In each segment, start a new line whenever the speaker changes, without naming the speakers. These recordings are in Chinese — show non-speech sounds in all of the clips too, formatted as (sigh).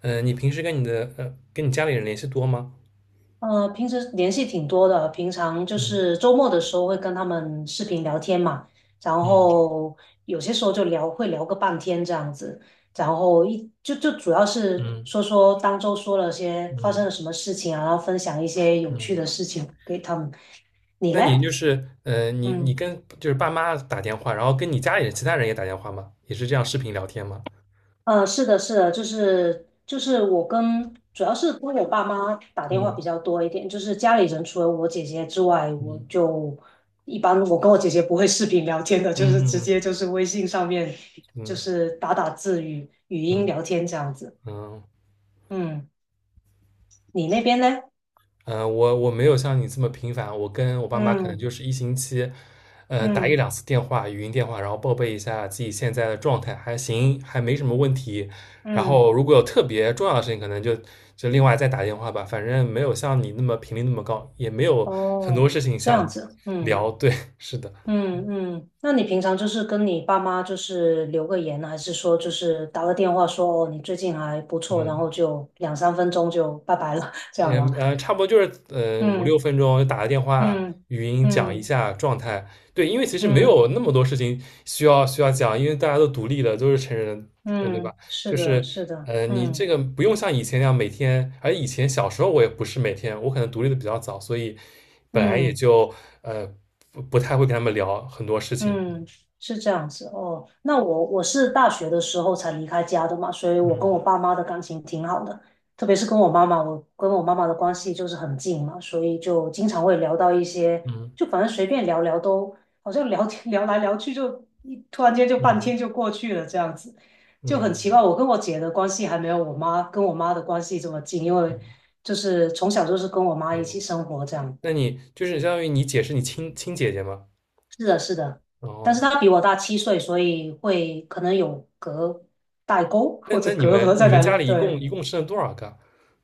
嗯，你平时跟跟你家里人联系多吗？
平时联系挺多的，平常就
嗯。
是周末的时候会跟他们视频聊天嘛，然
嗯。
后有些时候就聊，会聊个半天这样子，然后一就就主要是
嗯。
说说当周说了些发生
嗯。
了什么事情啊，然后分享一些有趣
嗯。
的事情给他们。你
那
嘞？
你你
嗯。
跟就是爸妈打电话，然后跟你家里人其他人也打电话吗？也是这样视频聊天吗？
是的，是的，就是主要是跟我爸妈打电话
嗯。
比较多一点，就是家里人除了我姐姐之外，
嗯。
一般我跟我姐姐不会视频聊天的，就是直
嗯。嗯。
接就是微信上面就
嗯。
是打打字语音
嗯。
聊天这样子。
嗯。嗯。
嗯，你那边呢？
嗯、我没有像你这么频繁，我跟我爸妈可能
嗯
就是一星期，打一
嗯
两次电话，语音电话，然后报备一下自己现在的状态，还行，还没什么问题。然
嗯，
后如果有特别重要的事情，可能就另外再打电话吧。反正没有像你那么频率那么高，也没有很多
哦，
事情
这
想
样子，嗯。
聊。对，是的，
嗯嗯，那你平常就是跟你爸妈就是留个言，还是说就是打个电话说哦你最近还不错，然
嗯。
后就两三分钟就拜拜了，(laughs) 这样
也
吗？
差不多就是五六
嗯
分钟打个电话，
嗯
语音讲一
嗯
下状态。对，因为其实没有
嗯
那么多事情需要讲，因为大家都独立了，都是成人了，对
嗯，
吧？
嗯是
就
的，
是
是的，
你这
嗯
个不用像以前那样每天，而以前小时候我也不是每天，我可能独立的比较早，所以本来也
嗯。
就呃不太会跟他们聊很多事情。
嗯，是这样子哦。那我是大学的时候才离开家的嘛，所以我
嗯。
跟我爸妈的感情挺好的，特别是跟我妈妈，我跟我妈妈的关系就是很近嘛，所以就经常会聊到一些，
嗯。
就反正随便聊聊都，好像聊天 (laughs) 聊来聊去就突然间就半天
嗯。
就过去了，这样子就很
嗯。
奇怪。我跟我姐的关系还没有我妈的关系这么近，因为
嗯。
就是从小就是跟我妈一
哦，
起生活这样。
那你就是相当于你姐是你亲姐姐吗？
但是
哦。
他比我大七岁，所以会可能有代沟
那
或
那
者
你
隔
们
阂
你
在
们
哪
家
里？
里一共
对，
一共生了多少个？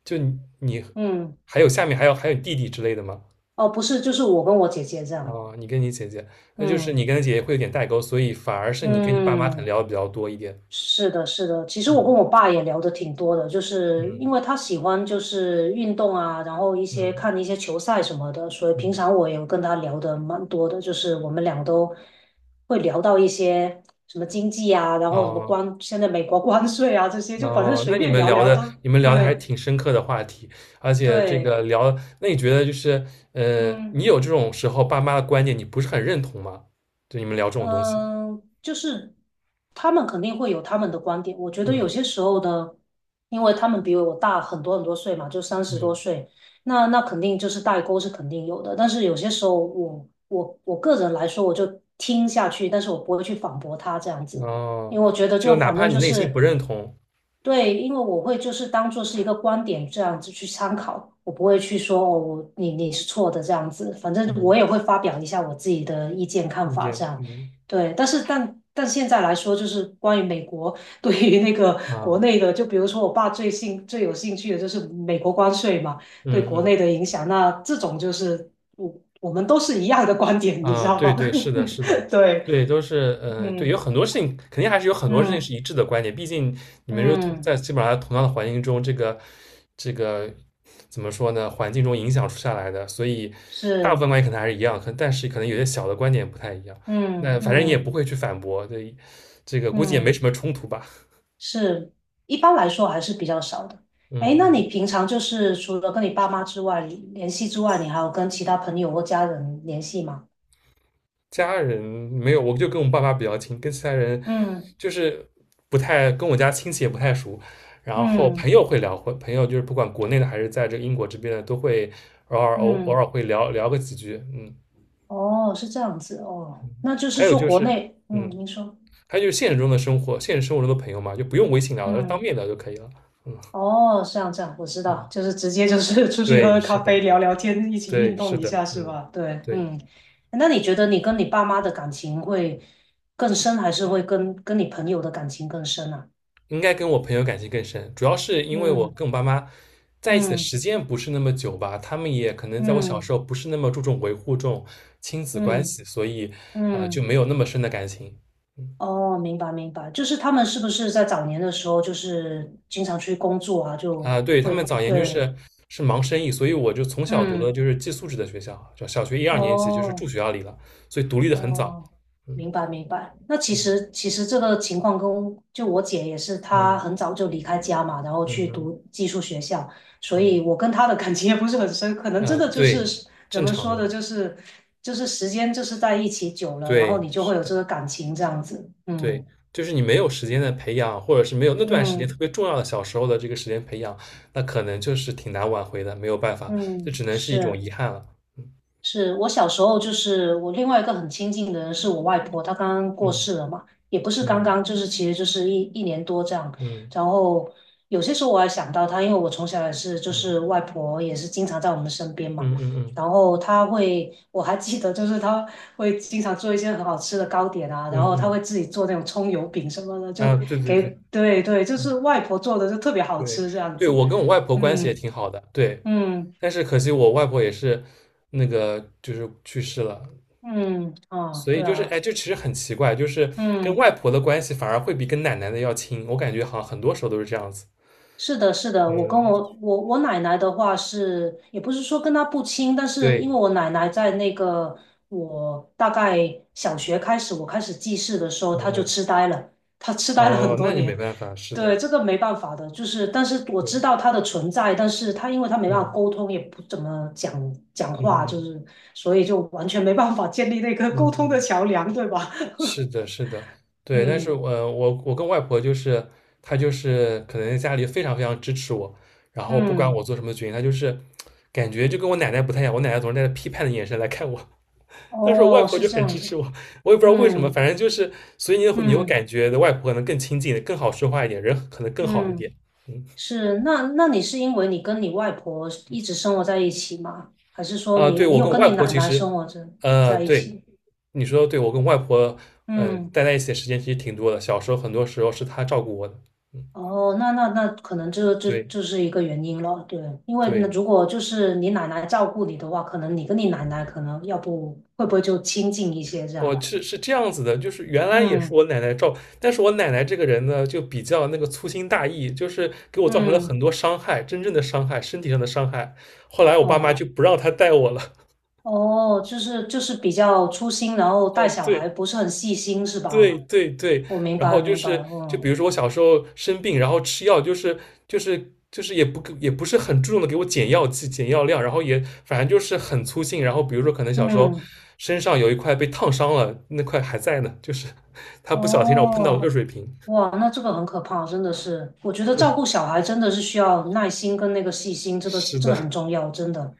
就你
嗯，
还有下面还有弟弟之类的吗？
哦，不是，就是我跟我姐姐这样，
哦，你跟你姐姐。那就是
嗯
你跟姐姐会有点代沟，所以反而是你跟你爸妈可能
嗯。
聊的比较多一点。
是的，是的。其实我跟
嗯。
我爸也聊的挺多的，就是
嗯。
因为他喜欢就是运动啊，然后
嗯。
看一些球赛什么的，所以平
嗯。
常我也跟他聊的蛮多的，就是我们俩都会聊到一些什么经济啊，然后什么
哦
关，现在美国关税啊这些，就反正
哦，那
随
你
便
们
聊
聊
聊都
的你们聊的还
对
挺深刻的话题，而且这
对，
个聊。那你觉得就是
嗯。
你有这种时候爸妈的观点你不是很认同吗？就你们聊这种东西。
嗯，就是他们肯定会有他们的观点。我觉得
嗯。
有些时候呢，因为他们比我大很多很多岁嘛，就三十多
嗯。
岁，那肯定就是代沟是肯定有的。但是有些时候我个人来说，我就听下去，但是我不会去反驳他这样子，
哦，
因为我觉得
就
就
哪
反
怕
正
你
就
内心不
是
认同。
对，因为我会就是当做是一个观点这样子去参考，我不会去说哦，你是错的这样子，反正我
嗯，
也会发表一下我自己的意见看
意
法
见。
这样。
嗯。
对，但是现在来说，就是关于美国对于那个
啊。
国内的，就比如说我爸最有兴趣的就是美国关税嘛，对
嗯。
国内
嗯。
的影响。那这种就是我我们都是一样的观点，你知
啊。
道
对
吗？
对，是的，是的，
(laughs) 对，
对，都是。嗯、对，有
嗯
很多事情，肯定还是有很多事情是
嗯
一致的观点，毕竟你们是同在
嗯，
基本上同样的环境中。这个怎么说呢？环境中影响出下来的，所以大部
是，
分观点可能还是一样，可但是可能有些小的观点不太一样。那
嗯
反正你也
嗯
不会去反驳，对，这个估计也没
嗯，
什么冲突吧？
是，一般来说还是比较少的。哎，
嗯。
那
嗯。
你平常就是除了跟你爸妈联系之外，你还有跟其他朋友或家人联系吗？
家人没有，我就跟我爸妈比较亲，跟其他人
嗯。
就是不太。跟我家亲戚也不太熟。然后朋
嗯
友会聊。会朋友就是不管国内的还是在这个英国这边的，都会偶尔
嗯，
会聊聊个几句。嗯。
哦，是这样子哦，那就
还
是
有
说
就
国
是。
内，嗯，
嗯。
您说，
还有就是现实中的生活，现实生活中的朋友嘛，就不用微信聊了，当
嗯，
面聊就可以了。
哦，这样这样，我知道，
嗯，
就是直接就是 (laughs) 出去喝
对，
喝咖
是的，
啡、聊聊天，一起
对，
运
是
动一
的，
下，是
嗯，
吧？对，
对。
嗯，那你觉得你跟你爸妈的感情会更深，还是会跟你朋友的感情更深啊？
应该跟我朋友感情更深，主要是因为我
嗯
跟我爸妈在一起的
嗯
时间不是那么久吧，他们也可能在我小时
嗯
候不是那么注重维护这种亲子关
嗯
系，所以就
嗯，
没有那么深的感情。嗯。
哦，明白明白，就是他们是不是在早年的时候，就是经常出去工作啊，就
啊，对，他
会
们早年就
对。
是是忙生意，所以我就从小读的
嗯
就是寄宿制的学校，就小学一二年级就是
哦
住学校里了，所以独立的很早。
哦，
嗯。
明白明白。那其实这个情况跟我姐也是，她
嗯。
很早就离开家嘛，然后
嗯。
去
嗯。
读技术学校，所以我跟她的感情也不是很深，可能
嗯。
真
啊，
的就
对，
是怎
正
么
常
说
的，
的，就是时间就是在一起久了，然后
对。
你就会
是
有这
的。
个感情这样子。
对，
嗯
就是你没有时间的培养，或者是没有那段时间特
嗯
别重要的小时候的这个时间培养，那可能就是挺难挽回的，没有办法，这
嗯，
只能是一种
是。
遗憾了。
是我小时候，就是我另外一个很亲近的人是我外婆，她刚刚过
嗯。
世了嘛，也不是刚
嗯。
刚，就是其实就是一年多这样。
嗯。
然后有些时候我还想到她，因为我从小也是，就
嗯。
是外婆也是经常在我们身边嘛。
嗯。嗯。嗯。
然后她会，我还记得，就是她会经常做一些很好吃的糕点啊，然
嗯。
后她
嗯。
会自己做那种葱油饼什么的，就
嗯。啊，对对
给，
对。
对对，就是
嗯。
外婆做的就特别好
对
吃这样
对，
子。
我跟我外婆关系也
嗯
挺好的，对，
嗯
但是可惜我外婆也是那个就是去世了，
嗯，啊，
所以
对
就是
啊，
哎，就其实很奇怪，就是跟
嗯。
外婆的关系反而会比跟奶奶的要亲，我感觉好像很多时候都是这样子。
是的，是的，我跟
嗯。
我我我奶奶的话是，也不是说跟她不亲，但是因
对。
为我奶奶在那个我大概小学开始，我开始记事的时候，
嗯。
她就
嗯。
痴呆了，她痴呆了很
哦，
多
那你没
年。
办法，是的，
对，这个没办法的，就是但是我
对。
知道她的存在，但是她因为她没办法
嗯。
沟通，也不怎么讲讲
嗯。
话，就是
嗯。
所以就完全没办法建立那个
嗯。
沟通的
嗯。
桥梁，对吧？
是的，是的，
(laughs)
对，但是
嗯
我跟外婆就是，她就是可能家里非常非常支持我，然后不管
嗯，
我做什么决定，她就是感觉就跟我奶奶不太一样，我奶奶总是带着批判的眼神来看我。(laughs) 但是我外
哦，
婆
是
就
这
很
样
支持
子，
我，我也不知道为什么，
嗯
反正就是。所以你会
嗯。
感觉外婆可能更亲近，更好说话一点，人可能更好一
嗯
点。嗯。
是，那你是因为你跟你外婆一直生活在一起吗？还是说
啊，
你
对，
你
我
有
跟我
跟
外
你
婆
奶
其
奶
实，
生活着在一
对，
起？
你说的对，我跟外婆，嗯、
嗯，
待在一起的时间其实挺多的。小时候很多时候是她照顾我的。嗯。
哦，那可能这这
对
这是一个原因了，对，因为那
对，
如果就是你奶奶照顾你的话，可能你跟你奶奶可能要不会就亲近一些这
我
样？
是是这样子的，就是原来也是
嗯
我奶奶照。但是我奶奶这个人呢，就比较那个粗心大意，就是给我造成了
嗯，
很多伤害，真正的伤害，身体上的伤害。后来我爸妈
哦
就不让她带我了。
哦，就是就是比较粗心，然后
(laughs)
带
嗯、
小孩
对。
不是很细心是
对
吧？
对对。
我明
然
白
后就
明白，
是，就比
嗯
如说我小时候生病，然后吃药，就是也不是很注重的给我减药剂、减药量，然后也反正就是很粗心。然后比如说可能小时候
嗯。
身上有一块被烫伤了，那块还在呢，就是他不小心让我碰到了
哦，
热水瓶。
哇，那这个很可怕，真的是。我觉得照
对，
顾小孩真的是需要耐心跟那个细心，这个
是
这个很
的，
重要，真的。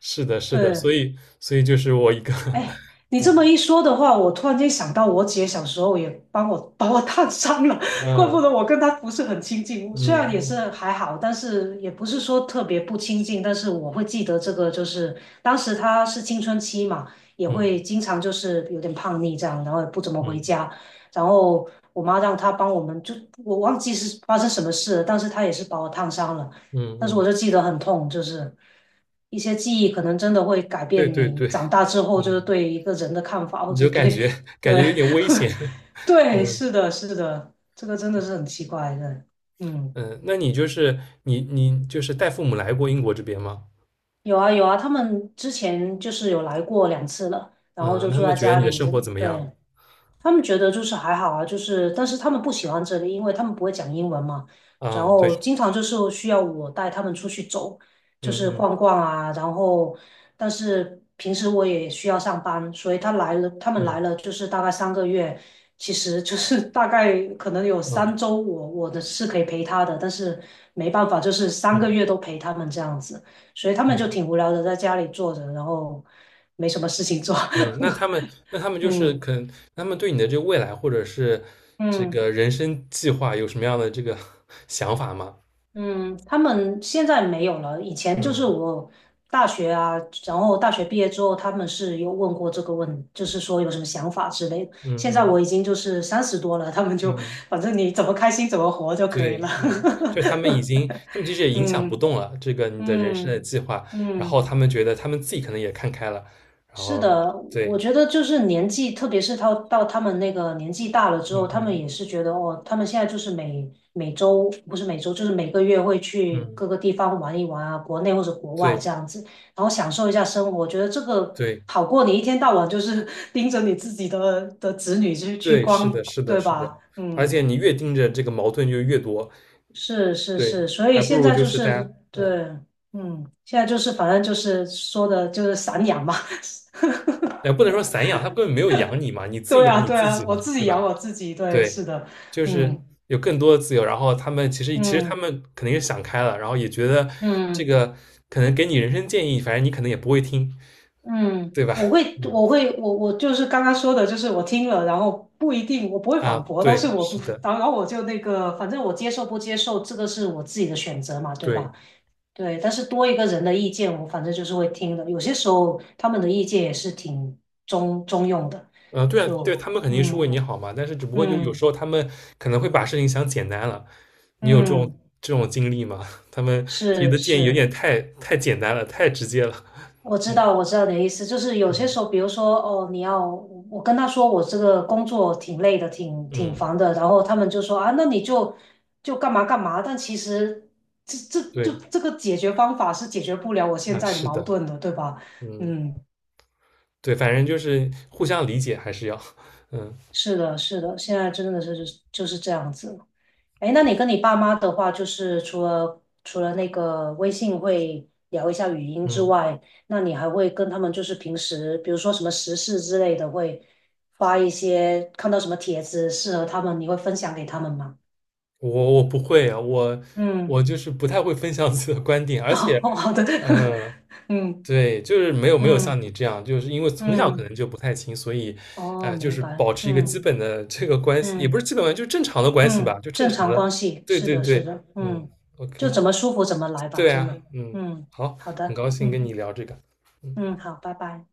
是的，是的。
对，
所以就是我一个。
哎，
(laughs)
你
嗯。
这么一说的话，我突然间想到，我姐小时候也帮我把 (laughs) 我烫伤了，(laughs) 怪不得
嗯。
我跟她不是很亲近。虽然也是
嗯。
还好，但是也不是说特别不亲近。但是我会记得这个，就是当时她是青春期嘛，也
嗯。
会经常就是有点叛逆这样，然后也不怎么回
嗯。
家。然后我妈让她帮我们，就我忘记是发生什么事了，但是她也是把我烫伤了。
嗯。
但是我就
嗯。
记得很痛，就是一些记忆可能真的会改
对
变
对
你
对。
长大之
嗯。
后就是对一个人的看法，或
你
者
就感
对
觉感
对
觉有点危险。
(laughs)
(laughs)
对，
嗯。
是的，是的，这个真的是很奇怪的。嗯，
嗯。那你就是带父母来过英国这边吗？
有啊有啊，他们之前就是有来过两次了，然后
嗯，
就
那他
住
们
在
觉得
家
你的
里
生
这
活怎
里，
么样？
对。他们觉得就是还好啊，就是但是他们不喜欢这里，因为他们不会讲英文嘛，然
啊，对。
后经常就是需要我带他们出去走，
嗯。
就是逛
嗯。
逛啊，然后但是平时我也需要上班，所以他们来
嗯。
了就是大概三个月，其实就是大概可能有
嗯。
三周我的是可以陪他的，但是没办法，就是三个
嗯。
月都陪他们这样子，所以他们就
嗯。
挺无聊的在家里坐着，然后没什么事情做，
嗯。那他们
(laughs)
就是
嗯
可能他们对你的这个未来或者是这
嗯。
个人生计划有什么样的这个 (laughs) 想法吗？
嗯，他们现在没有了。以前就是
嗯。
我大学啊，然后大学毕业之后，他们是有问过这个问，就是说有什么想法之类的。
嗯。
现在我已
嗯。
经就是三十多了，他们就
嗯。
反正你怎么开心怎么活就可以
对，
了。
嗯，就是他们已经他们其实也
(laughs)
影响不
嗯
动了这个你的人生的
嗯
计划，然后
嗯。
他们觉得他们自己可能也看开了。然
是
后
的，我
对。
觉得就是年纪，特别是到他们那个年纪大了之后，
嗯。
他
嗯。
们也是觉得哦，他们现在就是每周不是每周，就是每个月会去
嗯。
各个地方玩一玩啊，国内或者国外这
对
样子，然后享受一下生活。我觉得这个
对
好过你一天到晚就是 (laughs) 盯着你自己的子女去
对，是
光，
的，是的，
对
是的。
吧？
而且
嗯，
你越盯着这个矛盾就越多。
是是
对，
是，所以
还不
现
如
在
就
就
是大家。
是
嗯。
对，嗯，现在就是反正就是说的就是散养嘛。(laughs)
也不能说散养，他根本没有养你嘛，你自己
对
养
啊，
你
对
自
啊，
己嘛，
我自
对
己养
吧？
我自己，对，
对，
是的，
就是
嗯
有更多的自由，然后他们其实他
嗯
们肯定是想开了，然后也觉得这
嗯
个可能给你人生建议，反正你可能也不会听，
嗯，
对吧？
我会，
嗯。
我会，我就是刚刚说的，就是我听了，然后不一定，我不会
啊，
反驳，但是
对，
我不，
是的，
然后我就那个，反正我接受不接受，这个是我自己的选择嘛，对
对。
吧？对，但是多一个人的意见，我反正就是会听的，有些时候他们的意见也是挺中用的，
嗯。对啊，对，
就
他们肯定是为
嗯
你好嘛，但是只不过就有
嗯
时候他们可能会把事情想简单了。你有这种
嗯，
这种经历吗？(laughs) 他们提
是
的建议有
是。
点太简单了，太直接了。
我知道，我知道你的意思，就是有
嗯。
些时候，比如说，哦，你要我我跟他说我这个工作挺累的，挺
嗯。
烦的，然后他们就说啊，那你就干嘛干嘛，但其实这这这
对，
这个解决方法是解决不了我现
那
在的
是
矛
的，
盾的，对吧？
嗯，
嗯，
对，反正就是互相理解还是要。(laughs) 嗯。
是的，是的，现在真的是就是这样子。哎，那你跟你爸妈的话，就是除了那个微信会聊一下语音之
嗯。
外，那你还会跟他们就是平时，比如说什么时事之类的，会发一些看到什么帖子适合他们，你会分享给他们吗？
我不会啊。我
嗯，
我就是不太会分享自己的观点，
(laughs)
而且，
哦，好的，(laughs)
呃
嗯
对，就是没有像
嗯
你这样，就是因为从小可
嗯，
能就不太亲，所以，
哦，
就
明
是
白，
保持一个
嗯
基本的这个关系，也不
嗯
是基本关系，就正常的关系吧，
嗯，
就正
正
常
常
的。
关系，
对
是
对
的，
对，
是的，
嗯
嗯，就
，OK，
怎么舒服怎么来吧，
对
真
啊，
的，
嗯，
嗯，
好。
好
很
的，
高兴
嗯
跟你聊这个。嗯。
嗯，好，拜拜。